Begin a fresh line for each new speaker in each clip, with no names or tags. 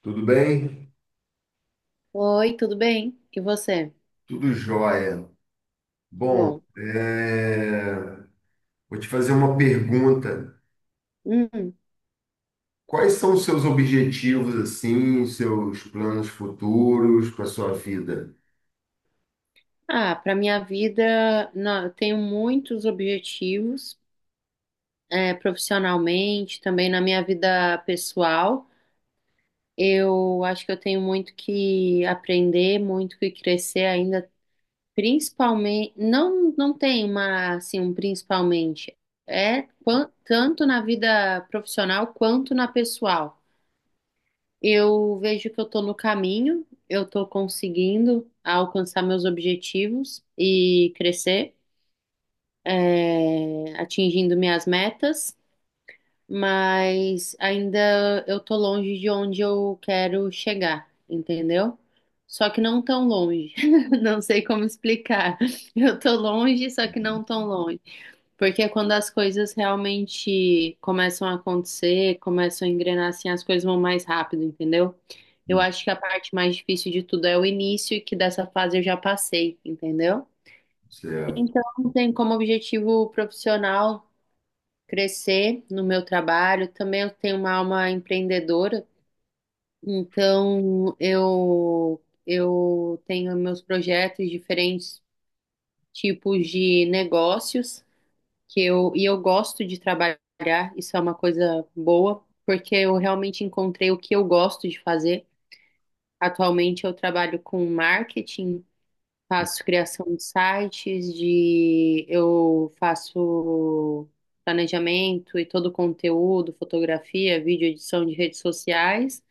Tudo bem?
Oi, tudo bem? E você?
Tudo jóia.
Que
Bom,
bom.
vou te fazer uma pergunta.
Hum.
Quais são os seus objetivos, assim, os seus planos futuros para a sua vida?
Ah, para minha vida, não, eu tenho muitos objetivos, profissionalmente, também na minha vida pessoal. Eu acho que eu tenho muito que aprender, muito que crescer ainda, principalmente, não, não tem uma, assim, um principalmente, tanto na vida profissional quanto na pessoal. Eu vejo que eu estou no caminho, eu estou conseguindo alcançar meus objetivos e crescer, atingindo minhas metas, mas ainda eu estou longe de onde eu quero chegar, entendeu? Só que não tão longe. Não sei como explicar. Eu estou longe, só que não tão longe. Porque é quando as coisas realmente começam a acontecer, começam a engrenar assim, as coisas vão mais rápido, entendeu? Eu
Hum.
acho que a parte mais difícil de tudo é o início e que dessa fase eu já passei, entendeu?
Certo.
Então, tem como objetivo profissional crescer no meu trabalho. Também eu tenho uma alma empreendedora, então eu tenho meus projetos diferentes tipos de negócios. Que eu gosto de trabalhar, isso é uma coisa boa, porque eu realmente encontrei o que eu gosto de fazer. Atualmente eu trabalho com marketing, faço criação de sites, de eu faço planejamento e todo o conteúdo, fotografia, vídeo, edição de redes sociais.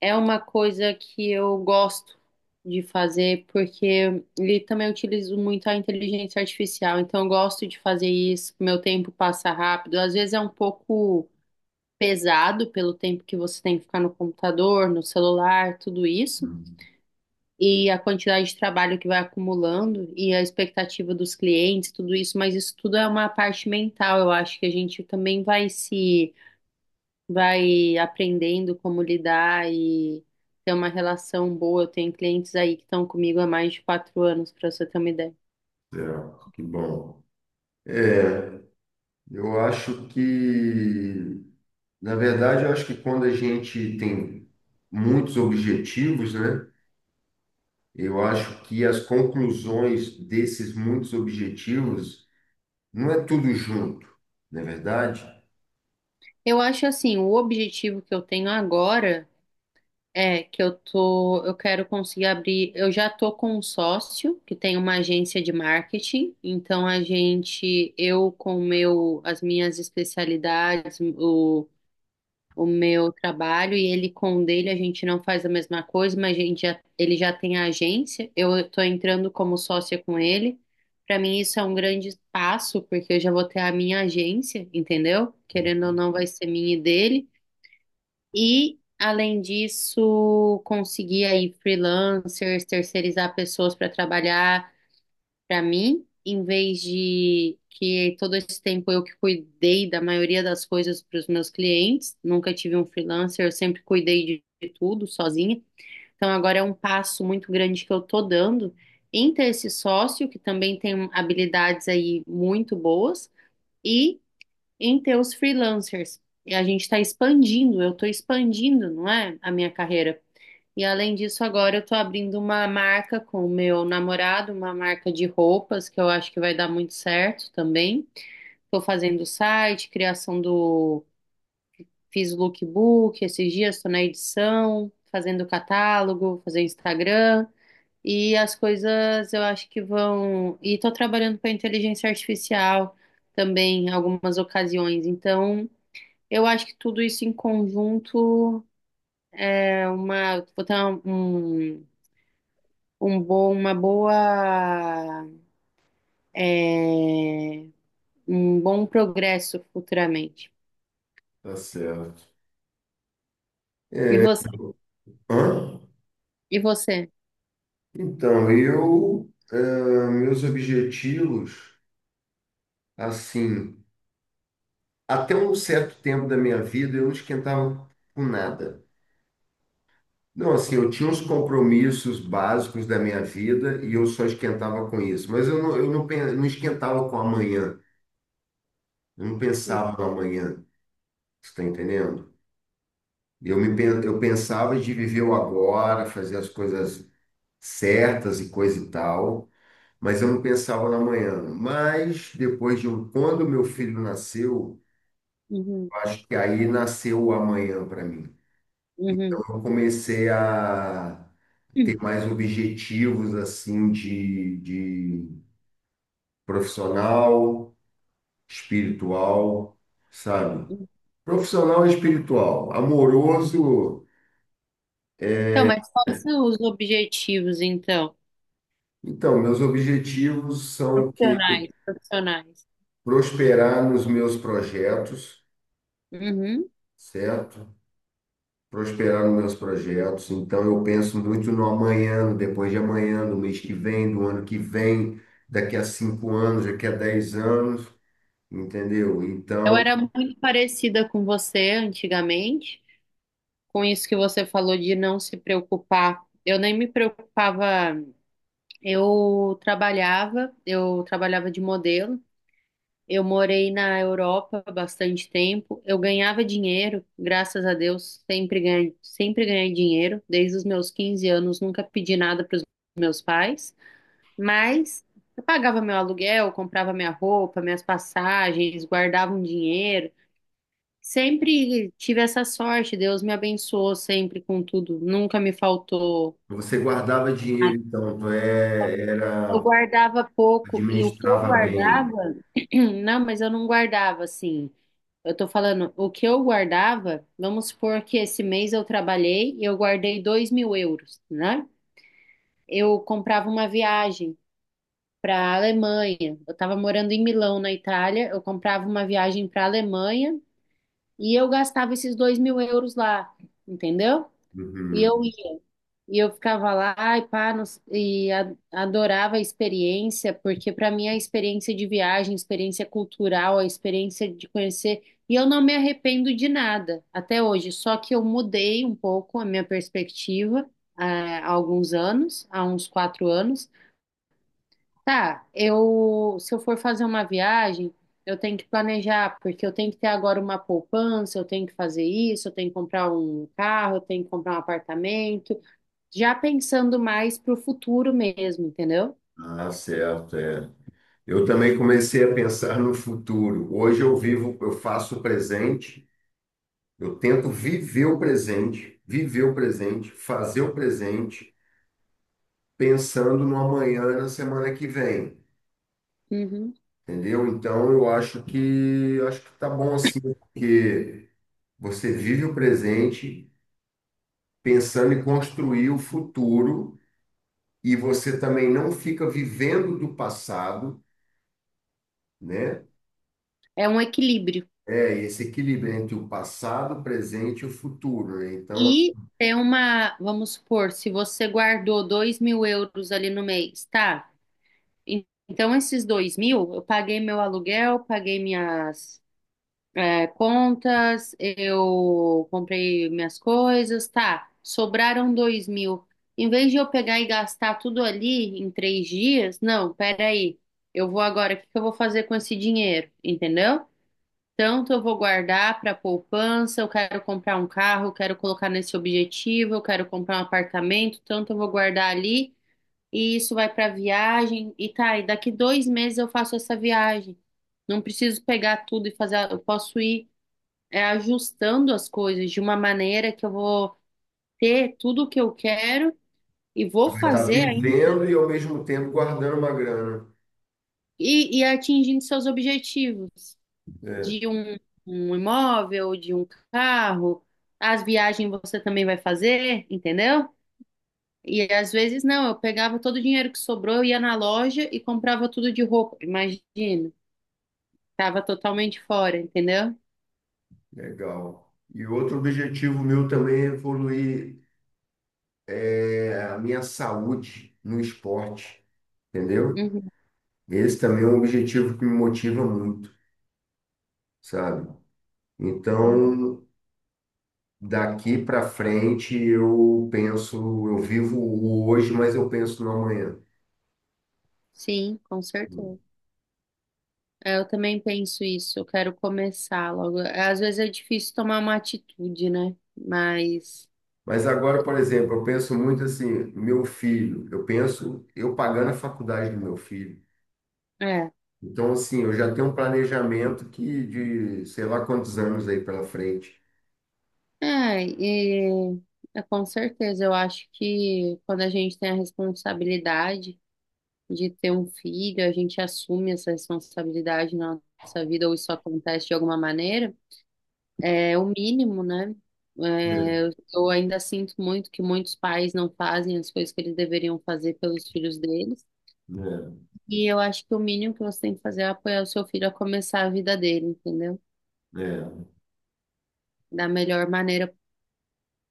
É uma coisa que eu gosto de fazer, porque ele também utilizo muito a inteligência artificial, então eu gosto de fazer isso, meu tempo passa rápido. Às vezes é um pouco pesado pelo tempo que você tem que ficar no computador, no celular, tudo isso,
Hum,
e a quantidade de trabalho que vai acumulando e a expectativa dos clientes, tudo isso, mas isso tudo é uma parte mental, eu acho que a gente também vai se vai aprendendo como lidar e ter uma relação boa. Eu tenho clientes aí que estão comigo há mais de 4 anos, para você ter uma ideia.
certo, que bom. É, eu acho que, na verdade, eu acho que quando a gente tem muitos objetivos, né? Eu acho que as conclusões desses muitos objetivos não é tudo junto, não é verdade?
Eu acho assim, o objetivo que eu tenho agora é que eu tô, eu quero conseguir abrir, eu já tô com um sócio que tem uma agência de marketing, então a gente, eu com o meu, as minhas especialidades, o meu trabalho e ele com o dele, a gente não faz a mesma coisa, mas a gente já, ele já tem a agência, eu estou entrando como sócia com ele. Para mim isso é um grande passo, porque eu já vou ter a minha agência, entendeu? Querendo ou não, vai ser minha e dele. E além disso, conseguir aí freelancers, terceirizar pessoas para trabalhar para mim, em vez de que todo esse tempo eu que cuidei da maioria das coisas para os meus clientes, nunca tive um freelancer, eu sempre cuidei de tudo sozinha. Então agora é um passo muito grande que eu tô dando em ter esse sócio que também tem habilidades aí muito boas e em ter os freelancers. E a gente está expandindo, eu estou expandindo, não é, a minha carreira. E além disso, agora eu tô abrindo uma marca com o meu namorado, uma marca de roupas que eu acho que vai dar muito certo também. Tô fazendo o site, criação do, fiz o lookbook, esses dias tô na edição, fazendo o catálogo, fazendo Instagram. E as coisas eu acho que vão. E tô trabalhando com a inteligência artificial também em algumas ocasiões. Então, eu acho que tudo isso em conjunto é uma. Vou ter um um bom, uma boa, é, um bom progresso futuramente.
Tá certo.
E você?
Hã?
E você?
Então, meus objetivos, assim, até um certo tempo da minha vida eu não esquentava com nada. Não, assim, eu tinha uns compromissos básicos da minha vida e eu só esquentava com isso. Mas eu não, pen- não esquentava com amanhã, eu não pensava no amanhã, você está entendendo? Eu pensava de viver o agora, fazer as coisas certas e coisa e tal. Mas eu não pensava na manhã. Mas depois de um, quando meu filho nasceu,
Uhum,
eu acho que aí nasceu o amanhã para mim. Então
uhum.
eu comecei a ter mais objetivos assim de profissional, espiritual, sabe? Profissional e espiritual, amoroso.
Então, mas quais são os objetivos, então?
Então, meus objetivos são que
Profissionais, profissionais.
prosperar nos meus projetos,
Uhum.
certo? Prosperar nos meus projetos. Então, eu penso muito no amanhã, no depois de amanhã, no mês que vem, do ano que vem, daqui a 5 anos, daqui a 10 anos, entendeu?
Eu
Então,
era muito parecida com você antigamente, com isso que você falou de não se preocupar. Eu nem me preocupava, eu trabalhava de modelo. Eu morei na Europa bastante tempo. Eu ganhava dinheiro, graças a Deus, sempre ganhei dinheiro. Desde os meus 15 anos, nunca pedi nada para os meus pais, mas eu pagava meu aluguel, comprava minha roupa, minhas passagens, guardava um dinheiro. Sempre tive essa sorte. Deus me abençoou sempre com tudo. Nunca me faltou
você guardava dinheiro,
nada.
então, tu é,
Eu
era,
guardava pouco e o que eu
administrava bem.
guardava, não, mas eu não guardava assim. Eu tô falando, o que eu guardava, vamos supor que esse mês eu trabalhei e eu guardei 2.000 euros, né? Eu comprava uma viagem para a Alemanha. Eu estava morando em Milão, na Itália. Eu comprava uma viagem para a Alemanha e eu gastava esses 2.000 euros lá, entendeu? E eu
Uhum.
e eu ficava lá e pá, não s- e a- adorava a experiência, porque para mim a experiência de viagem, a experiência cultural, a experiência de conhecer, e eu não me arrependo de nada até hoje, só que eu mudei um pouco a minha perspectiva há alguns anos, há uns 4 anos. Tá, eu se eu for fazer uma viagem, eu tenho que planejar, porque eu tenho que ter agora uma poupança, eu tenho que fazer isso, eu tenho que comprar um carro, eu tenho que comprar um apartamento, já pensando mais para o futuro mesmo, entendeu?
Ah, certo, é. Eu também comecei a pensar no futuro. Hoje eu vivo, eu faço o presente, eu tento viver o presente, fazer o presente, pensando no amanhã e na semana que vem,
Uhum.
entendeu? Então eu acho que tá bom assim, porque você vive o presente pensando em construir o futuro e você também não fica vivendo do passado, né?
É um equilíbrio.
É esse equilíbrio entre o passado, o presente e o futuro, né? Então
E tem uma, vamos supor, se você guardou 2.000 euros ali no mês, tá? Então, esses 2.000, eu paguei meu aluguel, paguei minhas contas, eu comprei minhas coisas, tá? Sobraram 2.000. Em vez de eu pegar e gastar tudo ali em 3 dias, não, peraí. Eu vou agora, o que que eu vou fazer com esse dinheiro? Entendeu? Tanto eu vou guardar para poupança, eu quero comprar um carro, eu quero colocar nesse objetivo, eu quero comprar um apartamento, tanto eu vou guardar ali e isso vai para viagem e tá, e daqui 2 meses eu faço essa viagem. Não preciso pegar tudo e fazer, eu posso ir ajustando as coisas de uma maneira que eu vou ter tudo o que eu quero e vou
você vai estar
fazer ainda
vivendo e ao mesmo tempo guardando uma grana.
e atingindo seus objetivos.
É,
De um, um imóvel, de um carro. As viagens você também vai fazer, entendeu? E às vezes não, eu pegava todo o dinheiro que sobrou, eu ia na loja e comprava tudo de roupa. Imagina, tava totalmente fora, entendeu?
legal. E outro objetivo meu também é evoluir é, a minha saúde no esporte, entendeu?
Uhum,
Esse também é um objetivo que me motiva muito, sabe?
uhum.
Então, daqui para frente eu penso, eu vivo o hoje, mas eu penso no amanhã.
Sim, com certeza. É, eu também penso isso, eu quero começar logo. Às vezes é difícil tomar uma atitude, né? Mas
Mas agora, por exemplo, eu penso muito assim, meu filho, eu penso eu pagando a faculdade do meu filho.
é.
Então, assim, eu já tenho um planejamento que de sei lá quantos anos aí pela frente.
É, com certeza, eu acho que quando a gente tem a responsabilidade de ter um filho, a gente assume essa responsabilidade na nossa vida, ou isso acontece de alguma maneira, é o mínimo, né?
É,
É, eu ainda sinto muito que muitos pais não fazem as coisas que eles deveriam fazer pelos filhos deles, e eu acho que o mínimo que você tem que fazer é apoiar o seu filho a começar a vida dele, entendeu?
é, é,
Da melhor maneira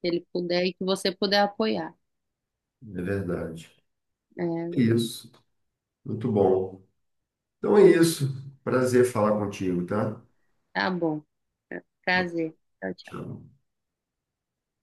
que ele puder e que você puder apoiar.
é verdade.
É,
Isso. Muito bom. Então é isso. Prazer falar contigo, tá?
tá bom. Prazer. Tchau, tchau.
Tchau.